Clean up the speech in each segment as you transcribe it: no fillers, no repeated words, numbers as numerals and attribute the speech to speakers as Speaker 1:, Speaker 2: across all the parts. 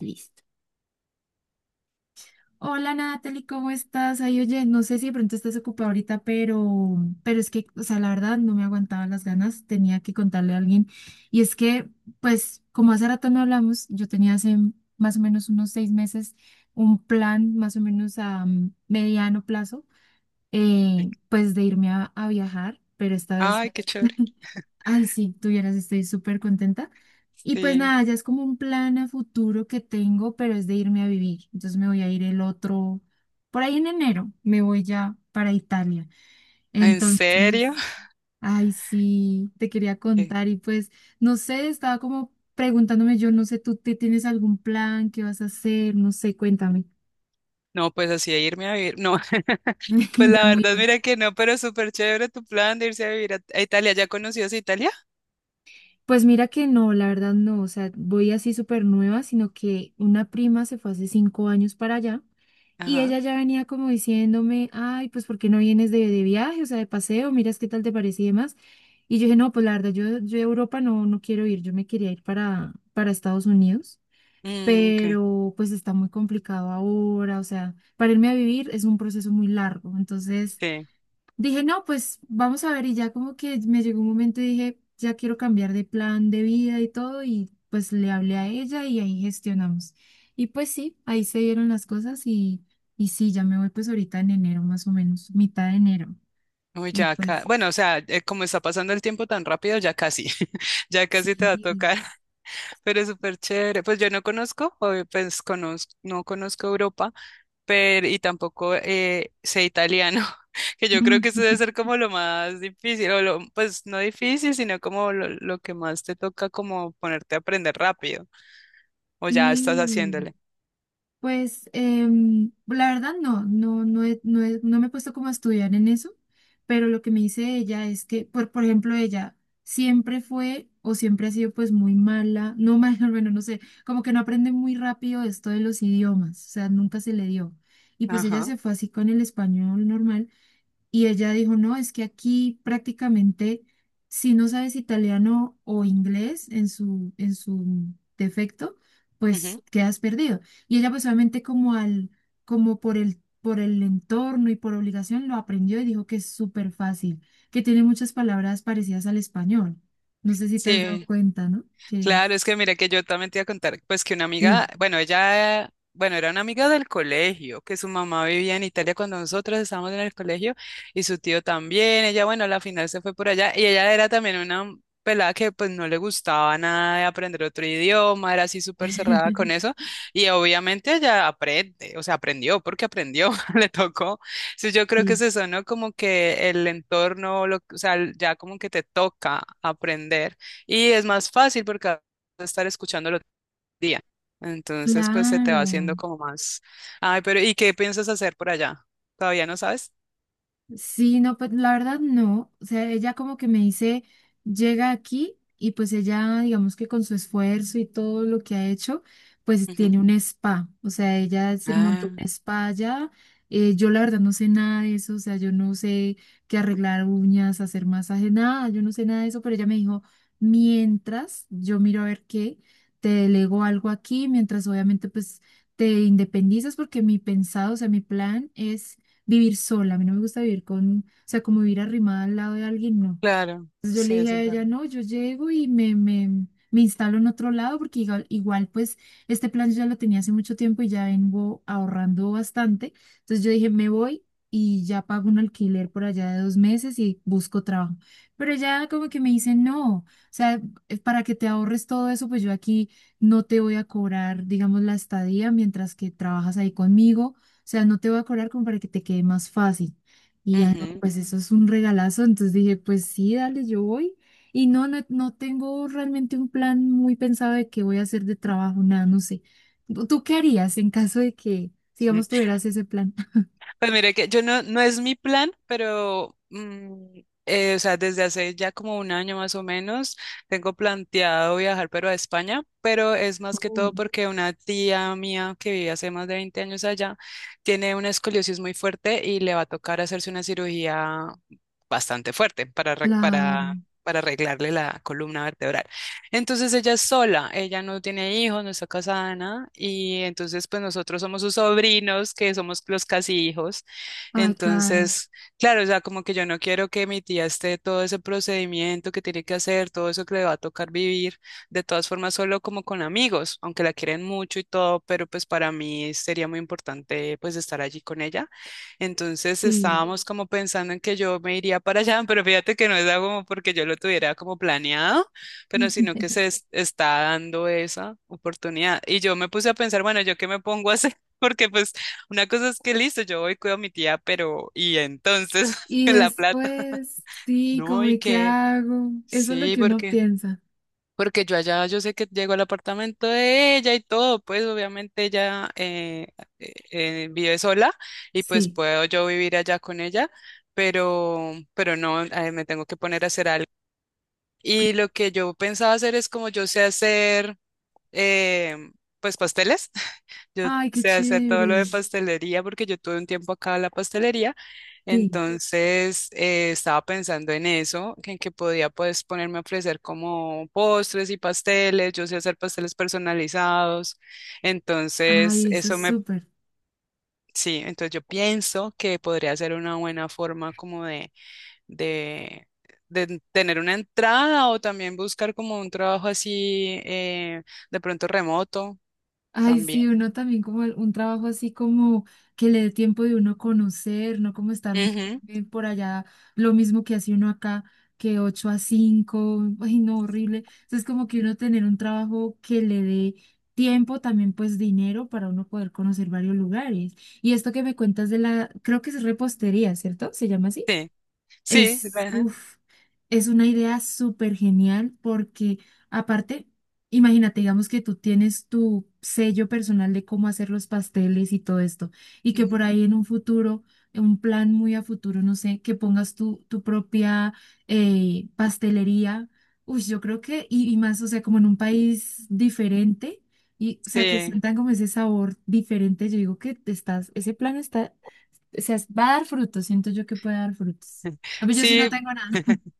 Speaker 1: Listo. Hola Natalie, ¿cómo estás? Ay, oye, no sé si de pronto estás ocupada ahorita, pero es que, o sea, la verdad no me aguantaba las ganas, tenía que contarle a alguien. Y es que, pues, como hace rato no hablamos, yo tenía hace más o menos unos 6 meses un plan más o menos a mediano plazo, pues de irme a viajar, pero esta vez,
Speaker 2: Ay, qué chévere.
Speaker 1: ay, sí, tuvieras, estoy súper contenta. Y pues
Speaker 2: Sí.
Speaker 1: nada, ya es como un plan a futuro que tengo, pero es de irme a vivir. Entonces me voy a ir el otro, por ahí en enero, me voy ya para Italia.
Speaker 2: ¿En serio?
Speaker 1: Entonces, ay, sí, te quería
Speaker 2: ¿Qué?
Speaker 1: contar y pues, no sé, estaba como preguntándome, yo no sé, ¿tú te tienes algún plan? ¿Qué vas a hacer? No sé, cuéntame.
Speaker 2: No, pues así de irme a vivir. No, pues
Speaker 1: Ya
Speaker 2: la
Speaker 1: muy.
Speaker 2: verdad, mira que no, pero súper chévere tu plan de irse a vivir a Italia. ¿Ya conocías Italia?
Speaker 1: Pues mira que no, la verdad no, o sea, voy así súper nueva, sino que una prima se fue hace 5 años para allá y
Speaker 2: Ajá.
Speaker 1: ella ya venía como diciéndome, ay, pues ¿por qué no vienes de viaje, o sea, de paseo, miras qué tal te parece y demás? Y yo dije, no, pues la verdad, yo a Europa no, no quiero ir, yo me quería ir para Estados Unidos,
Speaker 2: Mm, ok.
Speaker 1: pero pues está muy complicado ahora, o sea, para irme a vivir es un proceso muy largo, entonces...
Speaker 2: Sí.
Speaker 1: Dije, no, pues vamos a ver y ya como que me llegó un momento y dije, ya quiero cambiar de plan de vida y todo y pues le hablé a ella y ahí gestionamos. Y pues sí, ahí se dieron las cosas y sí, ya me voy pues ahorita en enero más o menos, mitad de enero.
Speaker 2: Uy,
Speaker 1: Y
Speaker 2: ya acá.
Speaker 1: pues
Speaker 2: Bueno, o sea, como está pasando el tiempo tan rápido, ya casi. Ya casi te va a
Speaker 1: sí.
Speaker 2: tocar. Pero es súper chévere. Pues yo no conozco, obvio, pues conozco, no conozco Europa, pero y tampoco sé italiano, que yo
Speaker 1: Ah,
Speaker 2: creo que eso debe ser como lo más difícil, o lo, pues no difícil, sino como lo que más te toca como ponerte a aprender rápido, o ya estás
Speaker 1: sí.
Speaker 2: haciéndole.
Speaker 1: Pues la verdad no, no me he puesto como a estudiar en eso, pero lo que me dice ella es que, por ejemplo, ella siempre fue o siempre ha sido pues muy mala, no mala, bueno, no sé, como que no aprende muy rápido esto de los idiomas, o sea, nunca se le dio. Y pues ella
Speaker 2: Ajá.
Speaker 1: se fue así con el español normal y ella dijo, no, es que aquí prácticamente si no sabes italiano o inglés en su defecto, pues
Speaker 2: Ujú.
Speaker 1: quedas perdido. Y ella pues obviamente como al, como por el entorno y por obligación lo aprendió y dijo que es súper fácil, que tiene muchas palabras parecidas al español. No sé si te has dado
Speaker 2: Sí.
Speaker 1: cuenta, ¿no? Que
Speaker 2: Claro, es que mira que yo también te iba a contar, pues que una
Speaker 1: sí.
Speaker 2: amiga, bueno, ella, bueno, era una amiga del colegio, que su mamá vivía en Italia cuando nosotros estábamos en el colegio y su tío también, ella, bueno, a la final se fue por allá y ella era también una pelada que pues no le gustaba nada de aprender otro idioma, era así súper cerrada con eso y obviamente ella aprende, o sea, aprendió porque aprendió, le tocó. Sí, yo creo que es
Speaker 1: Sí.
Speaker 2: eso, ¿no? Como que el entorno, lo, o sea, ya como que te toca aprender. Y es más fácil porque vas a estar escuchándolo todo el día. Entonces, pues se te va
Speaker 1: Claro.
Speaker 2: haciendo como más. Ay, pero ¿y qué piensas hacer por allá? ¿Todavía no sabes?
Speaker 1: Sí, no, pues la verdad no. O sea, ella como que me dice, llega aquí y pues ella, digamos que con su esfuerzo y todo lo que ha hecho, pues
Speaker 2: Ujú.
Speaker 1: tiene un spa. O sea, ella se montó
Speaker 2: Ah,
Speaker 1: un spa allá. Yo la verdad no sé nada de eso. O sea, yo no sé qué arreglar uñas, hacer masaje, nada. Yo no sé nada de eso, pero ella me dijo, mientras yo miro a ver qué, te delego algo aquí, mientras obviamente pues te independizas porque mi pensado, o sea, mi plan es vivir sola, a mí no me gusta vivir con, o sea, como vivir arrimada al lado de alguien, no.
Speaker 2: claro.
Speaker 1: Entonces yo
Speaker 2: Sí,
Speaker 1: le dije
Speaker 2: eso
Speaker 1: a
Speaker 2: es verdad.
Speaker 1: ella, no, yo llego y me instalo en otro lado porque igual, igual, pues este plan yo ya lo tenía hace mucho tiempo y ya vengo ahorrando bastante. Entonces yo dije, me voy y ya pago un alquiler por allá de 2 meses y busco trabajo. Pero ya como que me dice, no, o sea, para que te ahorres todo eso, pues yo aquí no te voy a cobrar, digamos, la estadía mientras que trabajas ahí conmigo. O sea, no te voy a cobrar como para que te quede más fácil. Y ya no,
Speaker 2: Ujú.
Speaker 1: pues eso es un regalazo. Entonces dije, pues sí, dale, yo voy. Y no, no, no tengo realmente un plan muy pensado de qué voy a hacer de trabajo, nada, no sé. ¿Tú qué harías en caso de que, digamos, tuvieras ese plan?
Speaker 2: Pues mire que yo no, no es mi plan, pero o sea, desde hace ya como un año más o menos, tengo planteado viajar pero a España, pero es más que
Speaker 1: Oh.
Speaker 2: todo porque una tía mía que vive hace más de 20 años allá tiene una escoliosis muy fuerte y le va a tocar hacerse una cirugía bastante fuerte para, arreg-
Speaker 1: Claro,
Speaker 2: para arreglarle la columna vertebral. Entonces ella es sola, ella no tiene hijos, no está casada, nada, y entonces pues nosotros somos sus sobrinos, que somos los casi hijos.
Speaker 1: ay, claro,
Speaker 2: Entonces, claro, o sea, como que yo no quiero que mi tía esté todo ese procedimiento que tiene que hacer, todo eso que le va a tocar vivir, de todas formas solo como con amigos, aunque la quieren mucho y todo, pero pues para mí sería muy importante pues estar allí con ella. Entonces
Speaker 1: sí.
Speaker 2: estábamos como pensando en que yo me iría para allá, pero fíjate que no es algo como porque yo lo tuviera como planeado pero sino que se es- está dando esa oportunidad. Y yo me puse a pensar, bueno, ¿yo qué me pongo a hacer? Porque pues una cosa es que listo, yo voy, cuido a mi tía, pero ¿y entonces
Speaker 1: Y
Speaker 2: la plata?
Speaker 1: después, sí,
Speaker 2: No,
Speaker 1: como
Speaker 2: ¿y
Speaker 1: de qué
Speaker 2: qué?
Speaker 1: hago. Eso es lo
Speaker 2: Sí,
Speaker 1: que uno
Speaker 2: porque
Speaker 1: piensa.
Speaker 2: porque yo allá yo sé que llego al apartamento de ella y todo, pues obviamente ella vive sola y pues
Speaker 1: Sí.
Speaker 2: puedo yo vivir allá con ella, pero no, me tengo que poner a hacer algo. Y lo que yo pensaba hacer es como yo sé hacer eh, pues pasteles. Yo
Speaker 1: Ay, qué
Speaker 2: sé hacer todo lo de
Speaker 1: chévere.
Speaker 2: pastelería porque yo tuve un tiempo acá en la pastelería.
Speaker 1: Sí.
Speaker 2: Entonces estaba pensando en eso, que en que podía pues ponerme a ofrecer como postres y pasteles. Yo sé hacer pasteles personalizados. Entonces
Speaker 1: Ay, eso
Speaker 2: eso
Speaker 1: es
Speaker 2: me,
Speaker 1: súper.
Speaker 2: sí, entonces yo pienso que podría ser una buena forma como de, de tener una entrada o también buscar como un trabajo así de pronto remoto
Speaker 1: Ay,
Speaker 2: también.
Speaker 1: sí, uno también un trabajo así como que le dé tiempo de uno conocer, no como estar muy,
Speaker 2: Ujú.
Speaker 1: por allá, lo mismo que hace uno acá, que 8 a 5, ay, no, horrible. Entonces como que uno tener un trabajo que le dé tiempo, también pues dinero para uno poder conocer varios lugares. Y esto que me cuentas de la, creo que es repostería, ¿cierto? ¿Se llama así?
Speaker 2: Sí, sí,
Speaker 1: Es,
Speaker 2: ajá,
Speaker 1: uf, es una idea súper genial porque aparte, imagínate, digamos que tú tienes tu sello personal de cómo hacer los pasteles y todo esto, y que por
Speaker 2: ujú.
Speaker 1: ahí en un futuro, en un plan muy a futuro, no sé, que pongas tu, tu propia pastelería. Uy, yo creo que, y más, o sea, como en un país diferente, y o sea, que
Speaker 2: Sí,
Speaker 1: sientan como ese sabor diferente, yo digo que te estás, ese plan está, o sea, va a dar frutos, siento yo que puede dar frutos. Ah, pues yo sí no
Speaker 2: sí.
Speaker 1: tengo nada.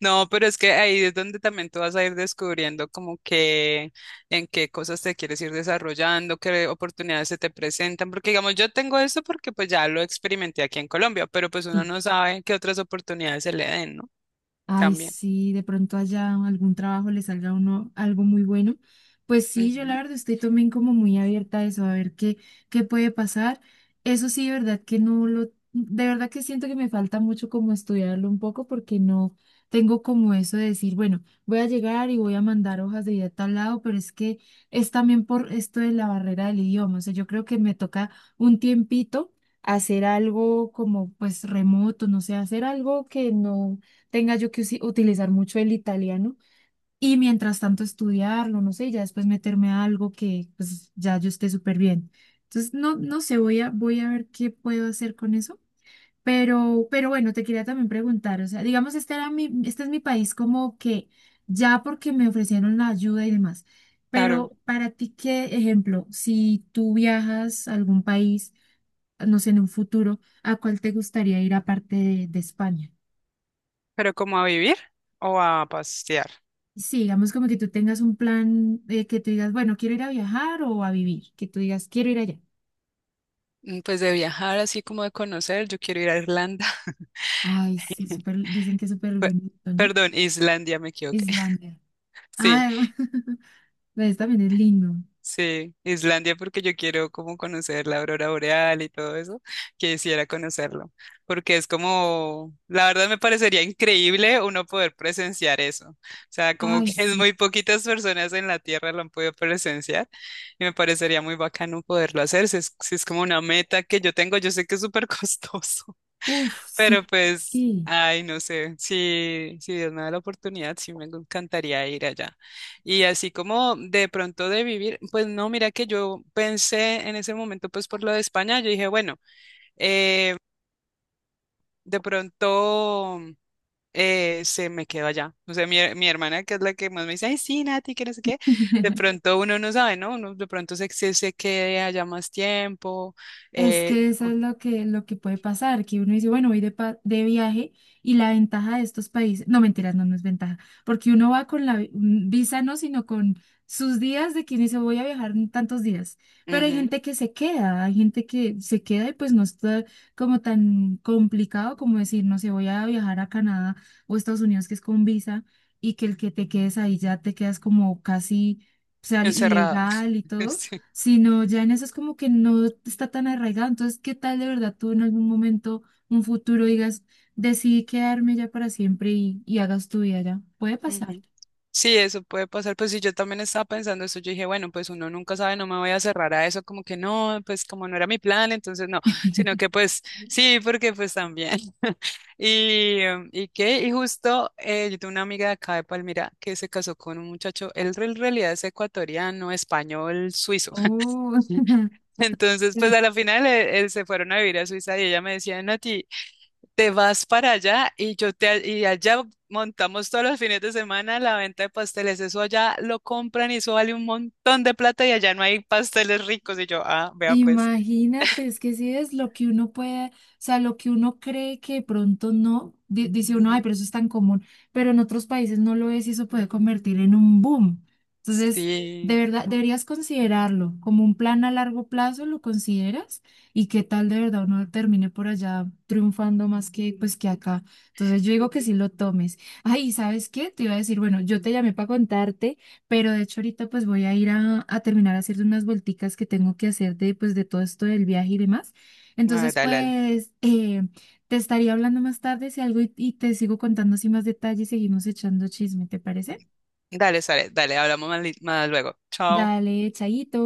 Speaker 2: No, pero es que ahí es donde también tú vas a ir descubriendo como que en qué cosas te quieres ir desarrollando, qué oportunidades se te presentan, porque digamos, yo tengo esto porque pues ya lo experimenté aquí en Colombia, pero pues uno
Speaker 1: Sí.
Speaker 2: no sabe qué otras oportunidades se le den, ¿no?
Speaker 1: Ay,
Speaker 2: También.
Speaker 1: sí, de pronto allá algún trabajo le salga a uno algo muy bueno. Pues sí, yo la
Speaker 2: Ujú.
Speaker 1: verdad estoy también como muy abierta a eso, a ver qué puede pasar. Eso sí, de verdad que no lo, de verdad que siento que me falta mucho como estudiarlo un poco porque no tengo como eso de decir, bueno, voy a llegar y voy a mandar hojas de vida a tal lado, pero es que es también por esto de la barrera del idioma. O sea, yo creo que me toca un tiempito hacer algo como pues remoto, no sé, hacer algo que no tenga yo que utilizar mucho el italiano y mientras tanto estudiarlo, no sé, y ya después meterme a algo que pues ya yo esté súper bien. Entonces, no, no sé, voy a ver qué puedo hacer con eso. Pero bueno, te quería también preguntar, o sea, digamos, este es mi país como que ya porque me ofrecieron la ayuda y demás,
Speaker 2: Claro,
Speaker 1: pero para ti, ¿qué ejemplo? Si tú viajas a algún país, no sé, en un futuro, ¿a cuál te gustaría ir aparte de España?
Speaker 2: pero como a vivir o a pasear.
Speaker 1: Sí, digamos como que tú tengas un plan, que tú digas, bueno, quiero ir a viajar o a vivir, que tú digas, quiero ir allá.
Speaker 2: Mm, pues de viajar, así como de conocer, yo quiero ir a Irlanda.
Speaker 1: Ay, sí, súper, dicen que es súper
Speaker 2: Pe-
Speaker 1: bonito, ¿no?
Speaker 2: Perdón, Islandia, me equivoqué.
Speaker 1: Islandia.
Speaker 2: Sí,
Speaker 1: Ay, pues también es lindo.
Speaker 2: sí, Islandia porque yo quiero como conocer la aurora boreal y todo eso, quisiera conocerlo, porque es como, la verdad me parecería increíble uno poder presenciar eso. O sea, como
Speaker 1: Ay,
Speaker 2: que es
Speaker 1: sí.
Speaker 2: muy poquitas personas en la Tierra lo han podido presenciar y me parecería muy bacano poderlo hacer, si es, si es como una meta que yo tengo, yo sé que es súper costoso.
Speaker 1: Uf,
Speaker 2: Pero
Speaker 1: sí.
Speaker 2: pues,
Speaker 1: Sí.
Speaker 2: ay, no sé, si, si Dios me da la oportunidad, sí me encantaría ir allá. Y así como de pronto de vivir, pues no, mira que yo pensé en ese momento, pues por lo de España, yo dije, bueno, eh, de pronto se me quedó allá. O sea, mi hermana, que es la que más me dice, ay, sí, Nati, que no sé qué, de pronto uno no sabe, ¿no? Uno de pronto se quede allá más tiempo,
Speaker 1: Es
Speaker 2: eh,
Speaker 1: que eso es lo que puede pasar, que uno dice, bueno, voy de, de viaje y la ventaja de estos países, no mentiras, no, no es ventaja, porque uno va con la visa, no, sino con sus días de quien dice, voy a viajar en tantos días. Pero hay
Speaker 2: ujú,
Speaker 1: gente que se queda, hay gente que se queda y pues no está como tan complicado como decir, no sé, voy a viajar a Canadá o Estados Unidos, que es con visa, y que el que te quedes ahí ya te quedas como casi, o sea,
Speaker 2: encerrado.
Speaker 1: ilegal y todo, sino ya en eso es como que no está tan arraigado. Entonces, ¿qué tal de verdad tú en algún momento, un futuro, digas, decidí quedarme ya para siempre y hagas tu vida ya? Puede pasar.
Speaker 2: Sí. Sí, eso puede pasar. Pues sí, yo también estaba pensando eso. Yo dije, bueno, pues uno nunca sabe, no me voy a cerrar a eso, como que no, pues como no era mi plan, entonces no, sino que pues sí, porque pues también. Y, ¿y qué? Y justo yo tengo una amiga de acá de Palmira que se casó con un muchacho, él en realidad es ecuatoriano, español, suizo.
Speaker 1: Oh.
Speaker 2: Entonces, pues a la final se fueron a vivir a Suiza y ella me decía, Nati. Te vas para allá y yo te y allá montamos todos los fines de semana la venta de pasteles. Eso allá lo compran y eso vale un montón de plata y allá no hay pasteles ricos. Y yo, ah, vea pues.
Speaker 1: Imagínate, es que si es lo que uno puede, o sea, lo que uno cree que de pronto no, dice uno, ay,
Speaker 2: Ujú.
Speaker 1: pero eso es tan común, pero en otros países no lo es y eso puede convertir en un boom. Entonces, de
Speaker 2: Sí.
Speaker 1: verdad, deberías considerarlo como un plan a largo plazo, ¿lo consideras? Y qué tal de verdad uno termine por allá triunfando más que pues que acá. Entonces, yo digo que sí lo tomes. Ay, ¿sabes qué? Te iba a decir, bueno, yo te llamé para contarte. Pero de hecho ahorita pues voy a, ir a terminar a hacer unas vuelticas que tengo que hacer de pues de todo esto del viaje y demás.
Speaker 2: Ah, dale,
Speaker 1: Entonces
Speaker 2: dale.
Speaker 1: pues te estaría hablando más tarde si algo y te sigo contando así más detalles y seguimos echando chisme, ¿te parece?
Speaker 2: Dale, sale, dale, hablamos más, li- más luego. Chao.
Speaker 1: Dale, chaito.